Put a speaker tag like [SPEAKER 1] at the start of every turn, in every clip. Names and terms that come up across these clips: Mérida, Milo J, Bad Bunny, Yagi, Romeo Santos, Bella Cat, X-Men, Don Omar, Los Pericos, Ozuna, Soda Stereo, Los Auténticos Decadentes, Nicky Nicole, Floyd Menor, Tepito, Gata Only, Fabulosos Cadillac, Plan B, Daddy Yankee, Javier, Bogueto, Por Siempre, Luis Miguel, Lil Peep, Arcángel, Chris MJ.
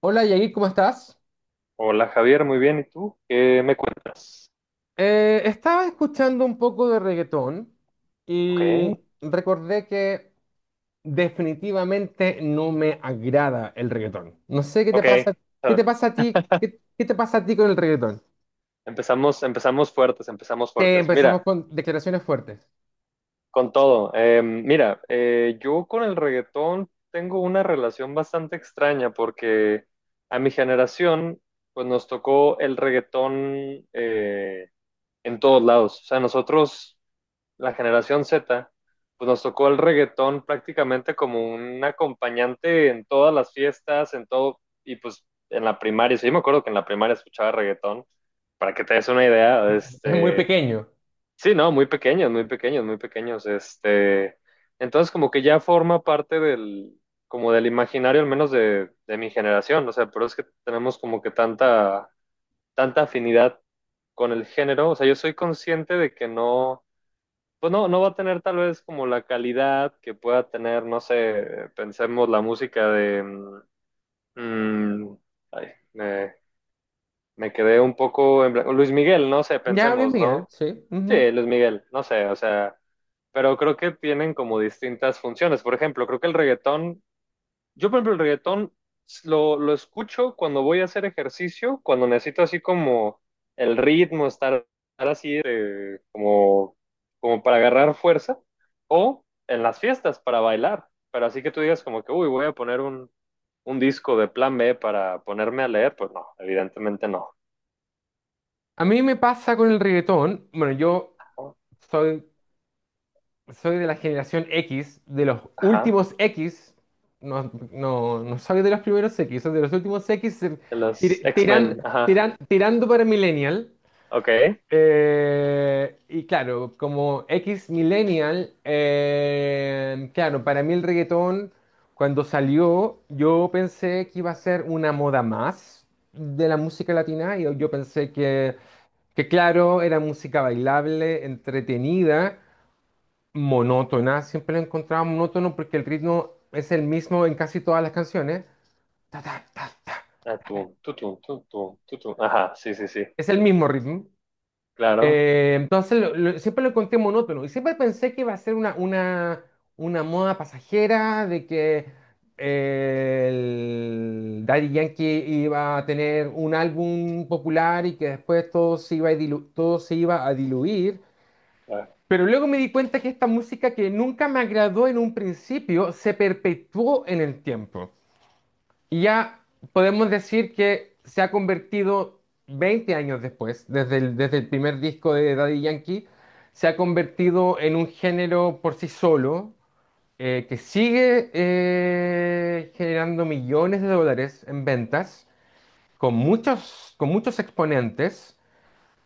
[SPEAKER 1] Hola Yagi, ¿cómo estás?
[SPEAKER 2] Hola Javier, muy bien. ¿Y tú? ¿Qué me cuentas?
[SPEAKER 1] Estaba escuchando un poco de reggaetón
[SPEAKER 2] Ok,
[SPEAKER 1] y recordé que definitivamente no me agrada el reggaetón. No sé
[SPEAKER 2] ok.
[SPEAKER 1] qué te
[SPEAKER 2] Ah,
[SPEAKER 1] pasa a ti, qué te pasa a ti con el reggaetón.
[SPEAKER 2] empezamos, empezamos fuertes, empezamos
[SPEAKER 1] Te
[SPEAKER 2] fuertes.
[SPEAKER 1] empezamos
[SPEAKER 2] Mira,
[SPEAKER 1] con declaraciones fuertes.
[SPEAKER 2] con todo. Mira, yo con el reggaetón tengo una relación bastante extraña porque a mi generación, pues nos tocó el reggaetón en todos lados. O sea, nosotros la generación Z, pues nos tocó el reggaetón prácticamente como un acompañante en todas las fiestas, en todo, y pues en la primaria, sí, yo me acuerdo que en la primaria escuchaba reggaetón, para que te des una idea,
[SPEAKER 1] Es muy pequeño.
[SPEAKER 2] sí, no, muy pequeños, muy pequeños, muy pequeños, entonces como que ya forma parte como del imaginario al menos de mi generación, o sea, pero es que tenemos como que tanta, tanta afinidad con el género, o sea, yo soy consciente de que no, pues no, no va a tener tal vez como la calidad que pueda tener, no sé, pensemos la música de mm, mm, ay, me, me quedé un poco en blanco. Luis Miguel, no sé,
[SPEAKER 1] Ya, Luis
[SPEAKER 2] pensemos,
[SPEAKER 1] Miguel,
[SPEAKER 2] ¿no?
[SPEAKER 1] sí. Ujú.
[SPEAKER 2] Sí, Luis Miguel, no sé, o sea, pero creo que tienen como distintas funciones. Por ejemplo, creo que el reggaetón yo, por ejemplo, el reggaetón lo escucho cuando voy a hacer ejercicio, cuando necesito así como el ritmo, estar, estar así como para agarrar fuerza, o en las fiestas para bailar. Pero así que tú digas como que, uy, voy a poner un disco de Plan B para ponerme a leer, pues no, evidentemente no.
[SPEAKER 1] A mí me pasa con el reggaetón, bueno, yo
[SPEAKER 2] ¿No?
[SPEAKER 1] soy soy de la generación X, de los
[SPEAKER 2] Ajá,
[SPEAKER 1] últimos X. No, no, no soy de los primeros X, soy de los últimos X,
[SPEAKER 2] de los
[SPEAKER 1] tir- tiran-
[SPEAKER 2] X-Men, ajá,
[SPEAKER 1] tirando para Millennial.
[SPEAKER 2] ok.
[SPEAKER 1] Y claro, como X Millennial, claro, para mí el reggaetón, cuando salió, yo pensé que iba a ser una moda más de la música latina. Y yo pensé que claro, era música bailable, entretenida, monótona, siempre la encontraba monótono porque el ritmo es el mismo en casi todas las canciones. Ta, ta, ta, ta.
[SPEAKER 2] Ah, tú, tú, tú, tú, tú, tú, tú. Ajá, sí, sí, sí,
[SPEAKER 1] Es el mismo ritmo.
[SPEAKER 2] claro.
[SPEAKER 1] Entonces siempre lo encontré monótono y siempre pensé que iba a ser una moda pasajera de que el Daddy Yankee iba a tener un álbum popular y que después todo se iba a todo se iba a diluir.
[SPEAKER 2] Ah,
[SPEAKER 1] Pero luego me di cuenta que esta música que nunca me agradó en un principio se perpetuó en el tiempo. Y ya podemos decir que se ha convertido 20 años después, desde el primer disco de Daddy Yankee, se ha convertido en un género por sí solo, que sigue generando millones de dólares en ventas, con muchos exponentes,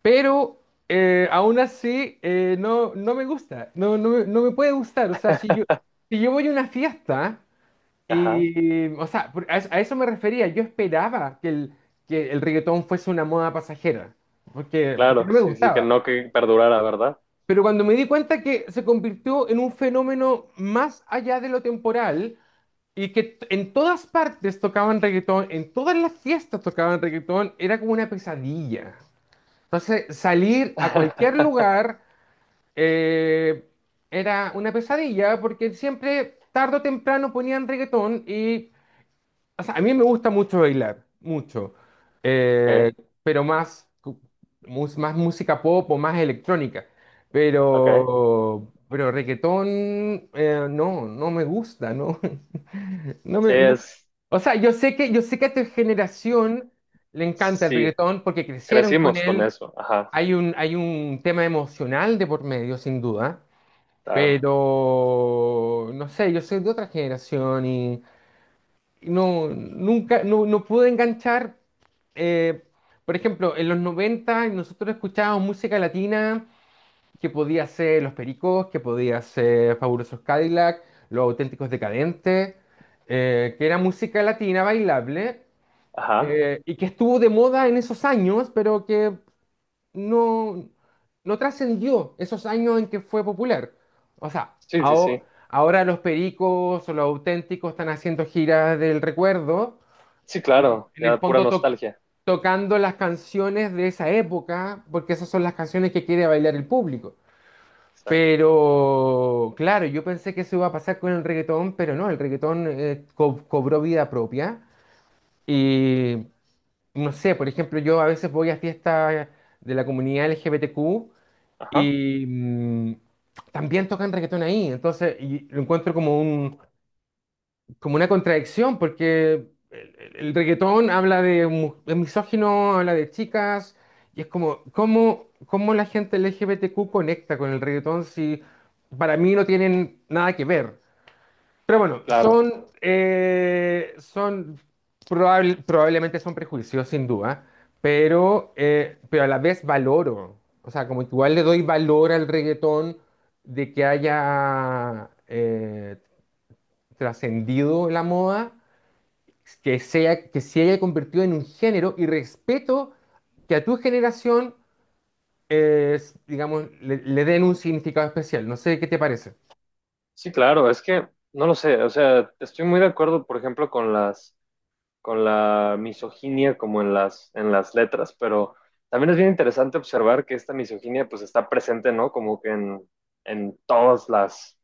[SPEAKER 1] pero aún así, no, no me gusta, no, no me puede gustar. O sea, si yo voy a una fiesta
[SPEAKER 2] ajá.
[SPEAKER 1] y, o sea, por- a eso me refería. Yo esperaba que el reggaetón fuese una moda pasajera, porque
[SPEAKER 2] Claro,
[SPEAKER 1] no me
[SPEAKER 2] sí, sí, que
[SPEAKER 1] gustaba.
[SPEAKER 2] no que perdurara, ¿verdad?
[SPEAKER 1] Pero cuando me di cuenta que se convirtió en un fenómeno más allá de lo temporal y que t- en todas partes tocaban reggaetón, en todas las fiestas tocaban reggaetón, era como una pesadilla. Entonces, salir a cualquier lugar eh, era una pesadilla porque siempre, tarde o temprano, ponían reggaetón y o sea, a mí me gusta mucho bailar, mucho. Eh,
[SPEAKER 2] Okay,
[SPEAKER 1] pero más, más música pop o más electrónica.
[SPEAKER 2] okay,
[SPEAKER 1] Pero reggaetón, no, no me gusta, ¿no?
[SPEAKER 2] sí,
[SPEAKER 1] No.
[SPEAKER 2] es,
[SPEAKER 1] O sea, yo sé que a tu generación le encanta el
[SPEAKER 2] sí,
[SPEAKER 1] reggaetón porque crecieron con
[SPEAKER 2] crecimos con
[SPEAKER 1] él.
[SPEAKER 2] eso, ajá,
[SPEAKER 1] Hay un tema emocional de por medio, sin duda.
[SPEAKER 2] está,
[SPEAKER 1] Pero, no sé, yo soy de otra generación y, no, nunca, no, no pude enganchar. eh, por ejemplo, en los 90 nosotros escuchábamos música latina que podía ser Los Pericos, que podía ser Fabulosos Cadillac, Los Auténticos Decadentes, que era música latina bailable
[SPEAKER 2] ajá,
[SPEAKER 1] y que estuvo de moda en esos años, pero que no, no trascendió esos años en que fue popular. O sea,
[SPEAKER 2] sí, sí, sí,
[SPEAKER 1] ahora los Pericos o los Auténticos están haciendo giras del recuerdo
[SPEAKER 2] sí, claro,
[SPEAKER 1] en el
[SPEAKER 2] ya pura
[SPEAKER 1] fondo
[SPEAKER 2] nostalgia,
[SPEAKER 1] tocando las canciones de esa época, porque esas son las canciones que quiere bailar el público.
[SPEAKER 2] exacto,
[SPEAKER 1] Pero claro, yo pensé que eso iba a pasar con el reggaetón, pero no, el reggaetón cobró vida propia. Y no sé, por ejemplo, yo a veces voy a fiestas de la comunidad LGBTQ
[SPEAKER 2] ajá,
[SPEAKER 1] y también tocan reggaetón ahí. Entonces, y lo encuentro como un, como una contradicción, porque el reggaetón habla de, de misógino, habla de chicas, y es como, ¿cómo, cómo la gente LGBTQ conecta con el reggaetón si para mí no tienen nada que ver? Pero bueno,
[SPEAKER 2] claro,
[SPEAKER 1] son, son probablemente son prejuicios, sin duda, pero a la vez valoro, o sea, como que igual le doy valor al reggaetón de que haya trascendido la moda, que, sea, que se haya convertido en un género y respeto que a tu generación, digamos, le den un significado especial. No sé qué te parece.
[SPEAKER 2] sí, claro, es que, no lo sé, o sea, estoy muy de acuerdo, por ejemplo, con las, con la misoginia como en las letras, pero también es bien interesante observar que esta misoginia, pues, está presente, ¿no? Como que en todas las.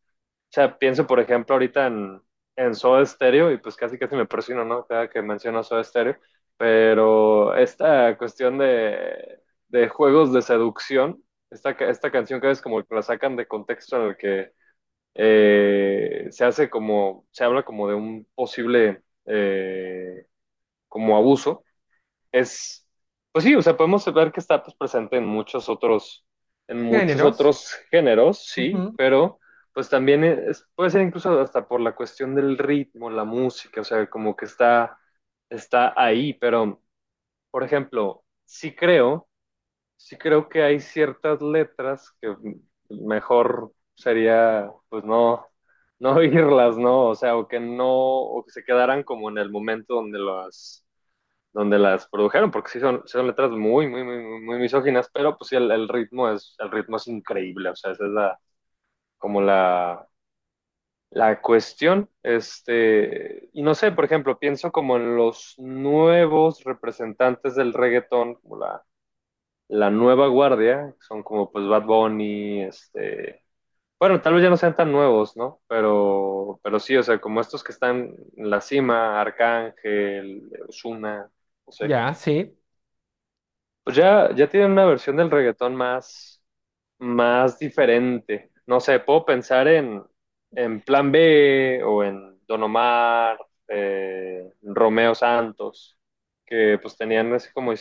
[SPEAKER 2] O sea, pienso, por ejemplo, ahorita en Soda Stereo, y pues casi casi me persino, ¿no? Cada que menciono Soda Stereo, pero esta cuestión de juegos de seducción, esta, esta canción que es como que la sacan de contexto en el que se hace como, se habla como de un posible como abuso, es, pues sí, o sea, podemos ver que está pues, presente en muchos
[SPEAKER 1] Géneros.
[SPEAKER 2] otros géneros, sí,
[SPEAKER 1] Ujú.
[SPEAKER 2] pero pues puede ser incluso hasta por la cuestión del ritmo, la música, o sea, como que está, está ahí, pero, por ejemplo, sí creo que hay ciertas letras que mejor sería, pues no, no oírlas, ¿no? O sea, o que no, o que se quedaran como en el momento donde las produjeron, porque sí son letras muy, muy, muy, muy misóginas, pero pues sí, el ritmo es increíble, o sea, esa es la, como la cuestión, este, y no sé, por ejemplo, pienso como en los nuevos representantes del reggaetón, como la nueva guardia, son como pues Bad Bunny, este, bueno, tal vez ya no sean tan nuevos, ¿no? Pero sí, o sea, como estos que están en la cima, Arcángel, Ozuna, no sé.
[SPEAKER 1] Ya, sí.
[SPEAKER 2] Pues ya, ya tienen una versión del reggaetón más, más diferente. No sé, puedo pensar en Plan B o en Don Omar, Romeo Santos, que pues tenían así como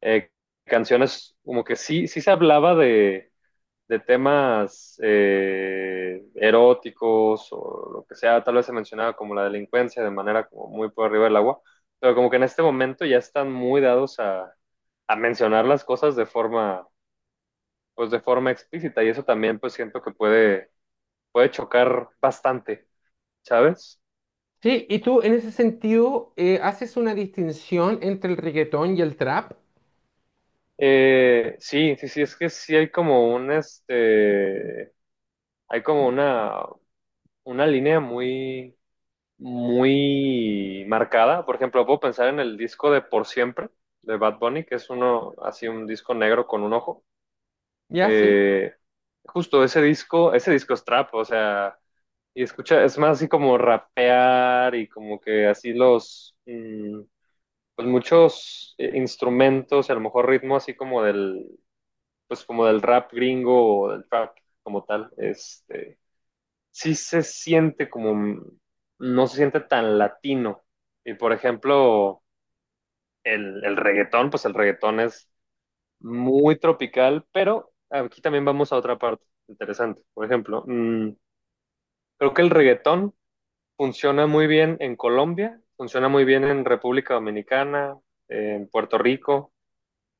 [SPEAKER 2] eh, canciones como que sí, sí se hablaba de temas eróticos o lo que sea, tal vez se mencionaba como la delincuencia de manera como muy por arriba del agua, pero como que en este momento ya están muy dados a mencionar las cosas de forma, pues de forma explícita y eso también pues siento que puede, puede chocar bastante, ¿sabes?
[SPEAKER 1] Sí, y tú en ese sentido haces una distinción entre el reggaetón y el trap.
[SPEAKER 2] Sí, sí, sí, es que sí hay como un, este, hay como una línea muy, muy marcada. Por ejemplo, puedo pensar en el disco de Por Siempre de Bad Bunny, que es uno, así un disco negro con un ojo.
[SPEAKER 1] Ya, sí.
[SPEAKER 2] Eh, Justo ese disco es trap, o sea, y escucha, es más así como rapear y como que así pues muchos instrumentos, y a lo mejor ritmo así como pues como del rap gringo o del trap como tal, este sí se siente como, no se siente tan latino. Y por ejemplo, el reggaetón, pues el reggaetón es muy tropical, pero aquí también vamos a otra parte interesante. Por ejemplo, mm, creo que el reggaetón funciona muy bien en Colombia, funciona muy bien en República Dominicana, en Puerto Rico,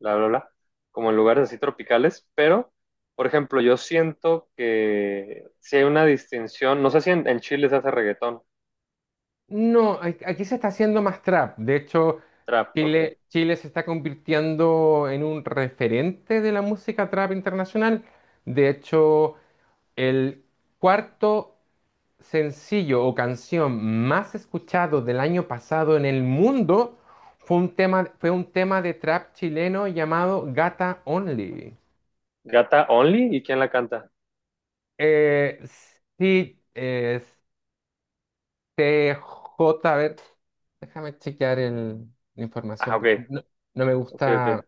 [SPEAKER 2] bla, bla, bla, como en lugares así tropicales, pero, por ejemplo, yo siento que si hay una distinción, no sé si en, en Chile se hace reggaetón.
[SPEAKER 1] No, a- aquí se está haciendo más trap. De hecho,
[SPEAKER 2] Trap, ok.
[SPEAKER 1] Chile, Chile se está convirtiendo en un referente de la música trap internacional. De hecho, el cuarto sencillo o canción más escuchado del año pasado en el mundo fue un tema de trap chileno llamado Gata Only.
[SPEAKER 2] Gata Only, ¿y quién la canta?
[SPEAKER 1] Eh, sí, TJ, a ver, déjame chequear la
[SPEAKER 2] Ah,
[SPEAKER 1] información. Porque
[SPEAKER 2] ok,
[SPEAKER 1] no, no me
[SPEAKER 2] ok, ok.
[SPEAKER 1] gusta,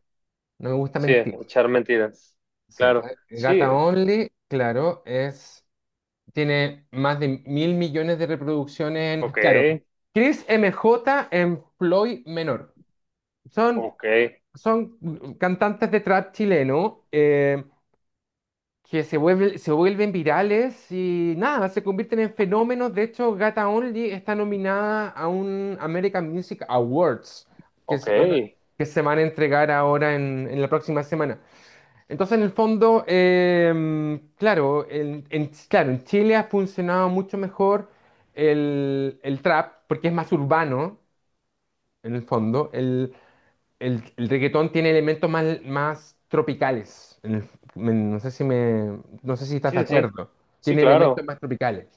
[SPEAKER 1] no me gusta
[SPEAKER 2] Sí,
[SPEAKER 1] mentir.
[SPEAKER 2] echar mentiras.
[SPEAKER 1] Sí,
[SPEAKER 2] Claro,
[SPEAKER 1] tra- Gata
[SPEAKER 2] sí,
[SPEAKER 1] Only, claro, es, tiene más de mil millones de reproducciones en,
[SPEAKER 2] ok,
[SPEAKER 1] claro, Chris MJ en Floyd Menor. Son,
[SPEAKER 2] ok,
[SPEAKER 1] son cantantes de trap chileno. Que se vuelven virales y nada, se convierten en fenómenos. De hecho, Gata Only está nominada a un American Music Awards que
[SPEAKER 2] ok.
[SPEAKER 1] se van a, que se van a entregar ahora en la próxima semana. Entonces, en el fondo, claro, en- claro, en Chile ha funcionado mucho mejor el trap porque es más urbano, en el fondo. El reggaetón tiene elementos más, más tropicales. En el- en- no sé si me, no sé si estás de
[SPEAKER 2] Sí, sí, sí,
[SPEAKER 1] acuerdo.
[SPEAKER 2] sí,
[SPEAKER 1] Tiene elementos
[SPEAKER 2] claro.
[SPEAKER 1] más tropicales.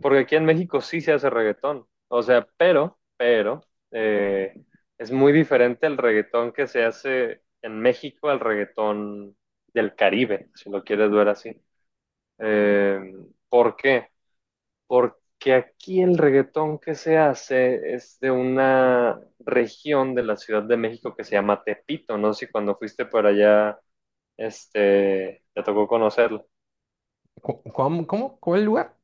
[SPEAKER 2] Porque aquí en México sí se hace reggaetón. O sea, pero, eh, es muy diferente el reggaetón que se hace en México al reggaetón del Caribe, si lo quieres ver así. Eh, ¿Por qué? Porque aquí el reggaetón que se hace es de una región de la Ciudad de México que se llama Tepito, no sé si cuando fuiste por allá, este, te tocó conocerlo.
[SPEAKER 1] Co- ¿Cómo? ¿Cómo? ¿Cuál lugar?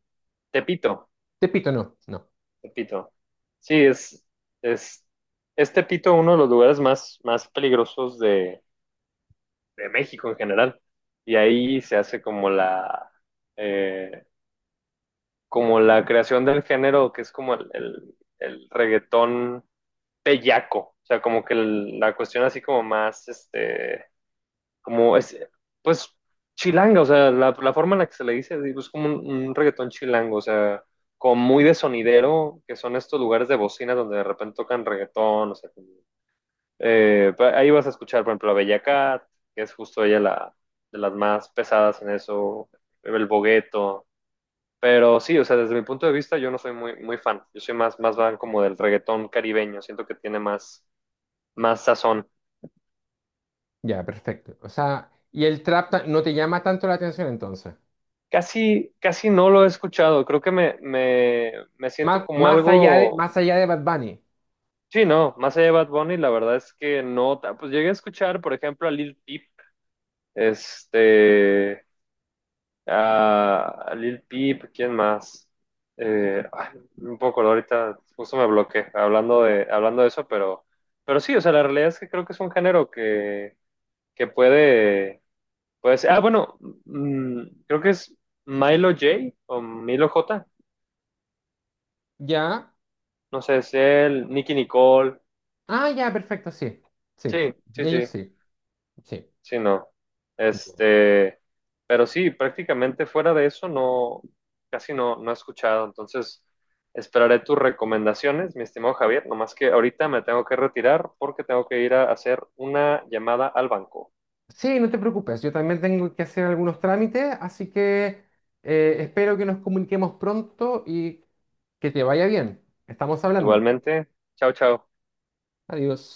[SPEAKER 2] Tepito,
[SPEAKER 1] Tepito, no. No.
[SPEAKER 2] Tepito. Sí, es, es Tepito uno de los lugares más, más peligrosos de México en general. Y ahí se hace eh, como la creación del género, que es como el reggaetón bellaco, o sea, como que la cuestión así como más, este, como es, pues chilanga, o sea, la forma en la que se le dice, digo, es como un reggaetón chilango, o sea, como muy de sonidero, que son estos lugares de bocina donde de repente tocan reggaetón, o sea, como, ahí vas a escuchar, por ejemplo, a Bella Cat, que es justo ella la, de las más pesadas en eso, el Bogueto. Pero sí, o sea, desde mi punto de vista yo no soy muy, muy fan. Yo soy más, más fan como del reggaetón caribeño. Siento que tiene más, más sazón.
[SPEAKER 1] Ya, perfecto. O sea, y el trap ta- no te llama tanto la atención entonces.
[SPEAKER 2] Casi, casi no lo he escuchado. Creo que me siento
[SPEAKER 1] Más,
[SPEAKER 2] como algo.
[SPEAKER 1] más allá de Bad Bunny.
[SPEAKER 2] Sí, no, más allá de Bad Bunny, la verdad es que no. Pues llegué a escuchar, por ejemplo, a Lil Peep, este, a Lil Peep, ¿quién más? Un poco, ahorita justo me bloqueé hablando de eso, pero sí, o sea, la realidad es que creo que es un género que puede, puede ser. Ah, bueno, mm, creo que es Milo J o Milo J.
[SPEAKER 1] Ya.
[SPEAKER 2] No sé, es él, Nicky Nicole.
[SPEAKER 1] Ah, ya, perfecto, sí. Sí.
[SPEAKER 2] Sí,
[SPEAKER 1] Y
[SPEAKER 2] sí,
[SPEAKER 1] ellos
[SPEAKER 2] sí,
[SPEAKER 1] sí. Sí.
[SPEAKER 2] sí, no. Este, pero sí, prácticamente fuera de eso no, casi no, no he escuchado. Entonces, esperaré tus recomendaciones, mi estimado Javier. Nomás que ahorita me tengo que retirar porque tengo que ir a hacer una llamada al banco.
[SPEAKER 1] Sí, no te preocupes, yo también tengo que hacer algunos trámites, así que espero que nos comuniquemos pronto y que te vaya bien. Estamos hablando.
[SPEAKER 2] Igualmente, chao, chao.
[SPEAKER 1] Adiós.